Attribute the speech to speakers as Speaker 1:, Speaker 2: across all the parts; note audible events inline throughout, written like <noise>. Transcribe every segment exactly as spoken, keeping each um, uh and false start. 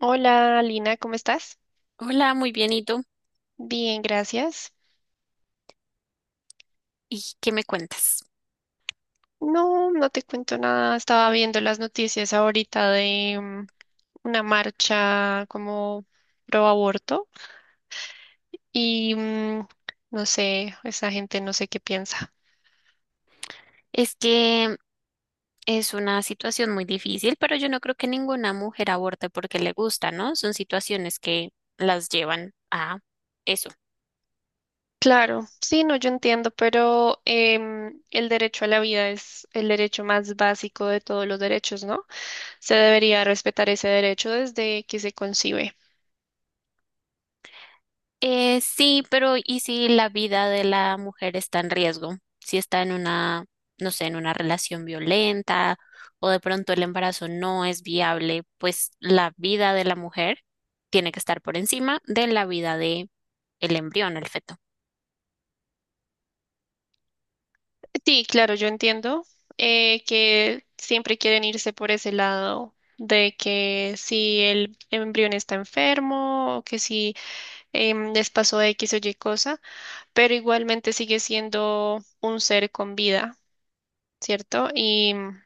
Speaker 1: Hola Lina, ¿cómo estás?
Speaker 2: Hola, muy bien, ¿y tú?
Speaker 1: Bien, gracias.
Speaker 2: ¿Y qué me cuentas?
Speaker 1: No, no te cuento nada. Estaba viendo las noticias ahorita de mm, una marcha como pro aborto y mm, no sé, esa gente no sé qué piensa.
Speaker 2: Es que es una situación muy difícil, pero yo no creo que ninguna mujer aborte porque le gusta, ¿no? Son situaciones que las llevan a eso.
Speaker 1: Claro, sí, no, yo entiendo, pero em, el derecho a la vida es el derecho más básico de todos los derechos, ¿no? Se debería respetar ese derecho desde que se concibe.
Speaker 2: Eh, sí, pero ¿y si la vida de la mujer está en riesgo? Si está en una, no sé, en una relación violenta o de pronto el embarazo no es viable, pues la vida de la mujer tiene que estar por encima de la vida de el embrión, el feto.
Speaker 1: Sí, claro, yo entiendo eh, que siempre quieren irse por ese lado de que si el embrión está enfermo o que si em, les pasó X o Y cosa, pero igualmente sigue siendo un ser con vida, ¿cierto? Y mm,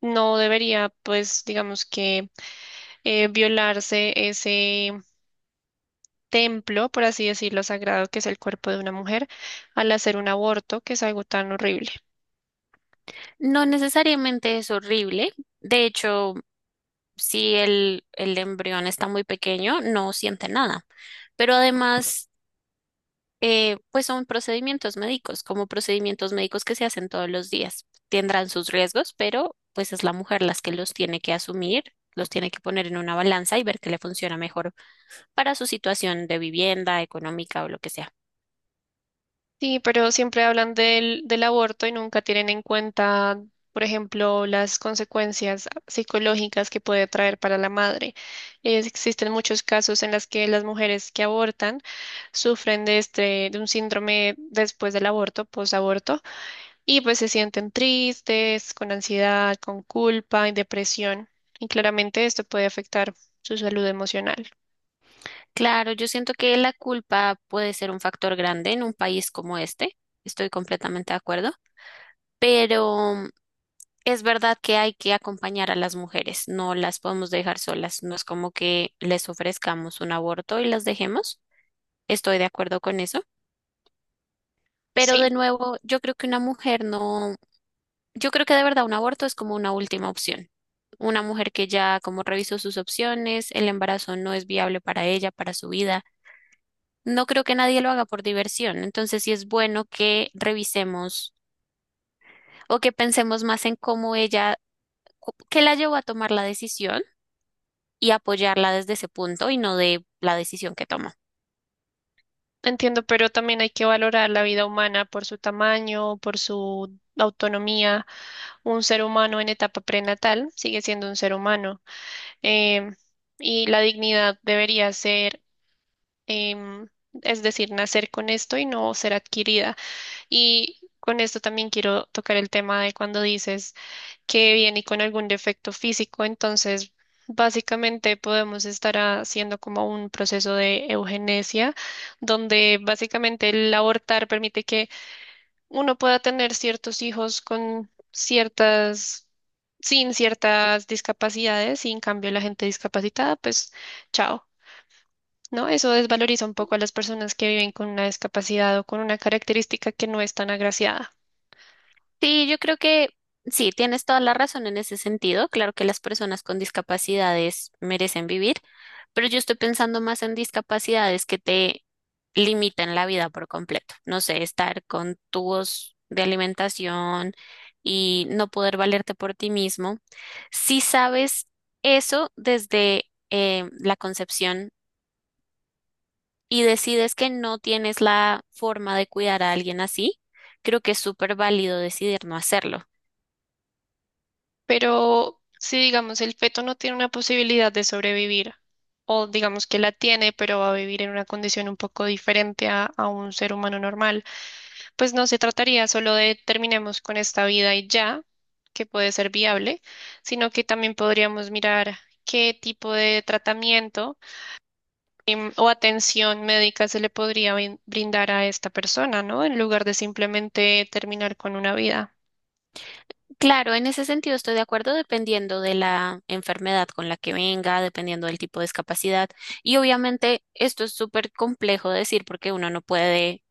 Speaker 1: No debería, pues, digamos que eh, violarse ese templo, por así decirlo, sagrado que es el cuerpo de una mujer al hacer un aborto, que es algo tan horrible.
Speaker 2: No necesariamente es horrible. De hecho, si el, el embrión está muy pequeño, no siente nada. Pero además, eh, pues son procedimientos médicos, como procedimientos médicos que se hacen todos los días. Tendrán sus riesgos, pero pues es la mujer las que los tiene que asumir, los tiene que poner en una balanza y ver qué le funciona mejor para su situación de vivienda, económica o lo que sea.
Speaker 1: Sí, pero siempre hablan del, del aborto y nunca tienen en cuenta, por ejemplo, las consecuencias psicológicas que puede traer para la madre. Es- existen muchos casos en los que las mujeres que abortan sufren de este, de un síndrome después del aborto, posaborto, y pues se sienten tristes, con ansiedad, con culpa y depresión. Y claramente esto puede afectar su salud emocional.
Speaker 2: Claro, yo siento que la culpa puede ser un factor grande en un país como este, estoy completamente de acuerdo, pero mm, es verdad que hay que acompañar a las mujeres, no las podemos dejar solas, no es como que les ofrezcamos un aborto y las dejemos, estoy de acuerdo con eso, pero de
Speaker 1: Sí.
Speaker 2: nuevo, yo creo que una mujer no, yo creo que de verdad un aborto es como una última opción. Una mujer que ya como revisó sus opciones, el embarazo no es viable para ella, para su vida. No creo que nadie lo haga por diversión, entonces sí es bueno que revisemos o que pensemos más en cómo ella, cu- qué la llevó a tomar la decisión y apoyarla desde ese punto y no de la decisión que tomó.
Speaker 1: Entiendo, pero también hay que valorar la vida humana por su tamaño, por su autonomía. Un ser humano en etapa prenatal sigue siendo un ser humano em, y la dignidad debería ser, em, es decir, nacer con esto y no ser adquirida. Y con esto también quiero tocar el tema de cuando dices que viene con algún defecto físico, entonces básicamente podemos estar haciendo como un proceso de eugenesia, donde básicamente el abortar permite que uno pueda tener ciertos hijos con ciertas, sin ciertas discapacidades, y en cambio la gente discapacitada, pues chao. ¿No? Eso desvaloriza un poco a las personas que viven con una discapacidad o con una característica que no es tan agraciada.
Speaker 2: Sí, yo creo que sí, tienes toda la razón en ese sentido. Claro que las personas con discapacidades merecen vivir, pero yo estoy pensando más en discapacidades que te limitan la vida por completo. No sé, estar con tubos de alimentación y no poder valerte por ti mismo. Si sabes eso desde eh, la concepción y decides que no tienes la forma de cuidar a alguien así, creo que es súper válido decidir no hacerlo.
Speaker 1: Pero si digamos el feto no tiene una posibilidad de sobrevivir, o digamos que la tiene, pero va a vivir en una condición un poco diferente a, a un ser humano normal, pues no se trataría solo de terminemos con esta vida y ya, que puede ser viable, sino que también podríamos mirar qué tipo de tratamiento em, o atención médica se le podría brin- brindar a esta persona, ¿no? En lugar de simplemente terminar con una vida.
Speaker 2: Claro, en ese sentido estoy de acuerdo, dependiendo de la enfermedad con la que venga, dependiendo del tipo de discapacidad. Y obviamente esto es súper complejo de decir porque uno no puede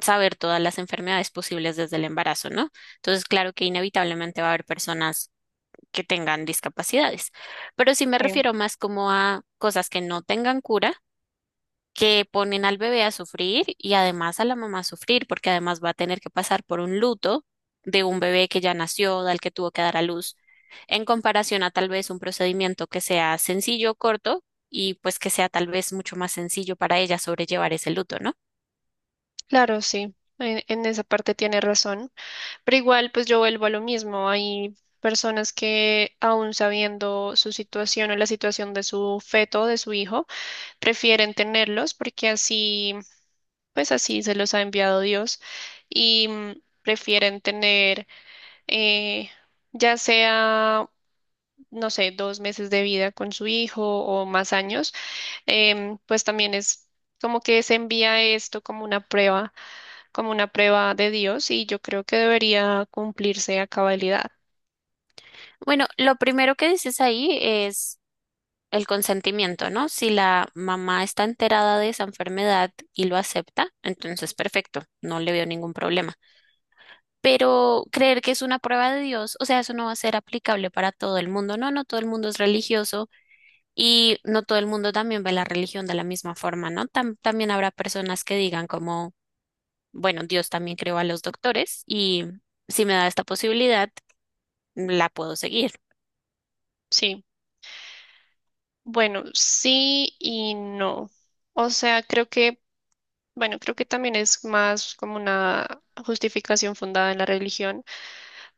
Speaker 2: saber todas las enfermedades posibles desde el embarazo, ¿no? Entonces, claro que inevitablemente va a haber personas que tengan discapacidades, pero sí me
Speaker 1: Sí.
Speaker 2: refiero más como a cosas que no tengan cura, que ponen al bebé a sufrir y además a la mamá a sufrir, porque además va a tener que pasar por un luto de un bebé que ya nació, del que tuvo que dar a luz, en comparación a tal vez un procedimiento que sea sencillo, corto y pues que sea tal vez mucho más sencillo para ella sobrellevar ese luto, ¿no?
Speaker 1: Claro, sí, en, en esa parte tiene razón, pero igual pues yo vuelvo a lo mismo, hay personas que aún sabiendo su situación o la situación de su feto, de su hijo, prefieren tenerlos porque así, pues así se los ha enviado Dios y mm, prefieren tener eh, ya sea, no sé, dos meses de vida con su hijo o más años em, pues también es como que se envía esto como una prueba, como una prueba de Dios y yo creo que debería cumplirse a cabalidad.
Speaker 2: Bueno, lo primero que dices ahí es el consentimiento, ¿no? Si la mamá está enterada de esa enfermedad y lo acepta, entonces perfecto, no le veo ningún problema. Pero creer que es una prueba de Dios, o sea, eso no va a ser aplicable para todo el mundo, ¿no? No todo el mundo es religioso y no todo el mundo también ve la religión de la misma forma, ¿no? Tam- también habrá personas que digan como, bueno, Dios también creó a los doctores y si me da esta posibilidad, la puedo seguir.
Speaker 1: Sí, bueno, sí y no. O sea, creo que, bueno, creo que también es más como una justificación fundada en la religión,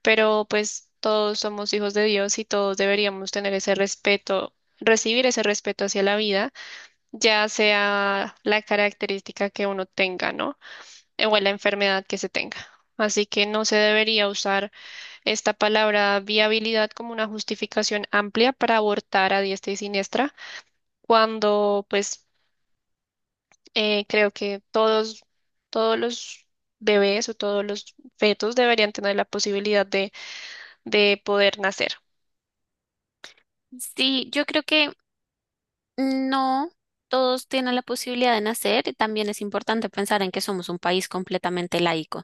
Speaker 1: pero pues todos somos hijos de Dios y todos deberíamos tener ese respeto. Recibir ese respeto hacia la vida, ya sea la característica que uno tenga, ¿no? Eh, o en la enfermedad que se tenga. Así que no se debería usar esta palabra viabilidad como una justificación amplia para abortar a diestra y siniestra, cuando pues eh, creo que todos, todos los bebés o todos los fetos deberían tener la posibilidad de, de poder nacer.
Speaker 2: Sí, yo creo que no todos tienen la posibilidad de nacer y también es importante pensar en que somos un país completamente laico.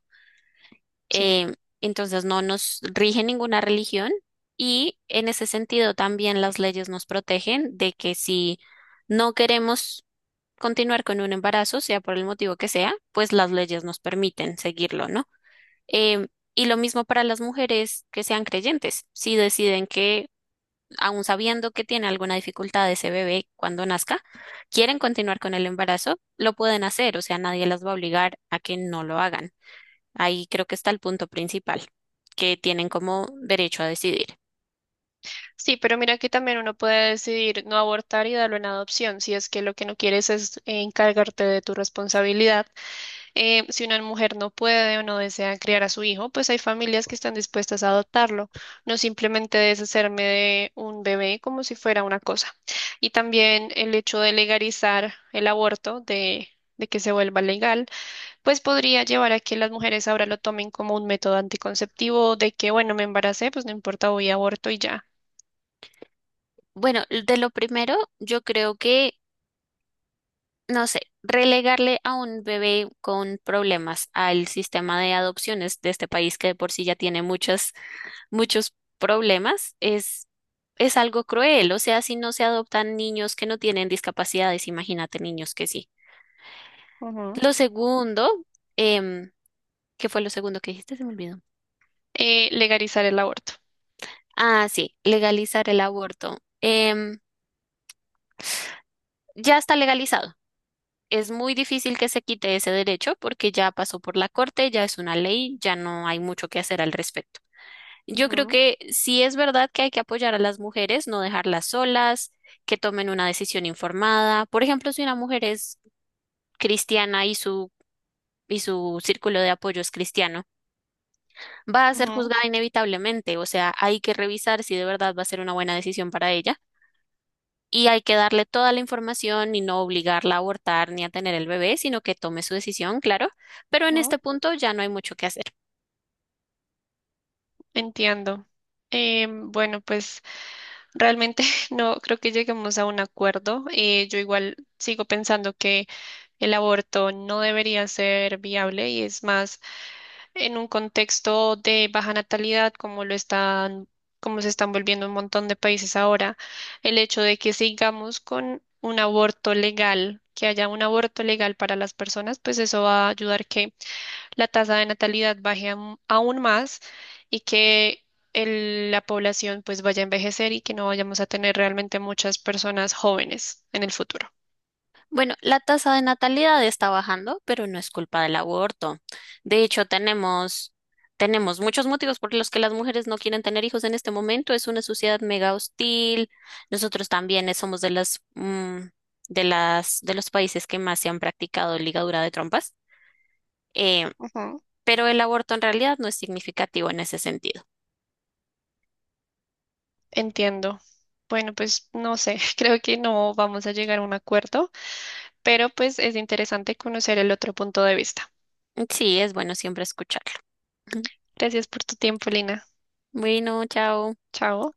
Speaker 1: Sí.
Speaker 2: eh, entonces no nos rige ninguna religión y en ese sentido también las leyes nos protegen de que si no queremos continuar con un embarazo, sea por el motivo que sea, pues las leyes nos permiten seguirlo, ¿no? Em, y lo mismo para las mujeres que sean creyentes, si deciden que, aun sabiendo que tiene alguna dificultad ese bebé cuando nazca, quieren continuar con el embarazo, lo pueden hacer, o sea, nadie las va a obligar a que no lo hagan. Ahí creo que está el punto principal, que tienen como derecho a decidir.
Speaker 1: Sí, pero mira que también uno puede decidir no abortar y darlo en adopción si es que lo que no quieres es eh, encargarte de tu responsabilidad. Eh, si una mujer no puede o no desea criar a su hijo, pues hay familias que están dispuestas a adoptarlo, no simplemente deshacerme de un bebé como si fuera una cosa. Y también el hecho de legalizar el aborto, de, de que se vuelva legal, pues podría llevar a que las mujeres ahora lo tomen como un método anticonceptivo, de que, bueno, me embaracé, pues no importa, voy a aborto y ya.
Speaker 2: Bueno, de lo primero, yo creo que no sé, relegarle a un bebé con problemas al sistema de adopciones de este país que de por sí ya tiene muchos, muchos problemas, es, es algo cruel. O sea, si no se adoptan niños que no tienen discapacidades, imagínate niños que sí.
Speaker 1: Ujú.
Speaker 2: Lo segundo, em, ¿qué fue lo segundo que dijiste? Se me olvidó.
Speaker 1: Eh, legalizar el aborto.
Speaker 2: Ah, sí, legalizar el aborto. Em, ya está legalizado. Es muy difícil que se quite ese derecho porque ya pasó por la corte, ya es una ley, ya no hay mucho que hacer al respecto. Yo creo
Speaker 1: Ujú.
Speaker 2: que sí es verdad que hay que apoyar a las mujeres, no dejarlas solas, que tomen una decisión informada. Por ejemplo, si una mujer es cristiana y su y su círculo de apoyo es cristiano, va a ser
Speaker 1: Ujú.
Speaker 2: juzgada inevitablemente. O sea, hay que revisar si de verdad va a ser una buena decisión para ella y hay que darle toda la información y no obligarla a abortar ni a tener el bebé, sino que tome su decisión, claro. Pero en
Speaker 1: Ujú.
Speaker 2: este punto ya no hay mucho que hacer.
Speaker 1: Entiendo. Em, bueno, pues realmente <laughs> no creo que lleguemos a un acuerdo. Eh, yo igual sigo pensando que el aborto no debería ser viable y es más en un contexto de baja natalidad como lo están, como se están volviendo un montón de países ahora, el hecho de que sigamos con un aborto legal, que haya un aborto legal para las personas, pues eso va a ayudar que la tasa de natalidad baje am- aún más y que el- la población pues vaya a envejecer y que no vayamos a tener realmente muchas personas jóvenes en el futuro.
Speaker 2: Bueno, la tasa de natalidad está bajando, pero no es culpa del aborto. De hecho, tenemos, tenemos muchos motivos por los que las mujeres no quieren tener hijos en este momento. Es una sociedad mega hostil. Nosotros también somos de las, mm, de las, de los países que más se han practicado ligadura de trompas. Eh,
Speaker 1: Ujú.
Speaker 2: pero el aborto en realidad no es significativo en ese sentido.
Speaker 1: Entiendo. Bueno, pues no sé, <laughs> creo que no vamos a llegar a un acuerdo, pero pues es interesante conocer el otro punto de vista.
Speaker 2: Sí, es bueno siempre escucharlo. <laughs>
Speaker 1: Gracias por tu tiempo, Lina.
Speaker 2: Bueno, chao.
Speaker 1: Chao.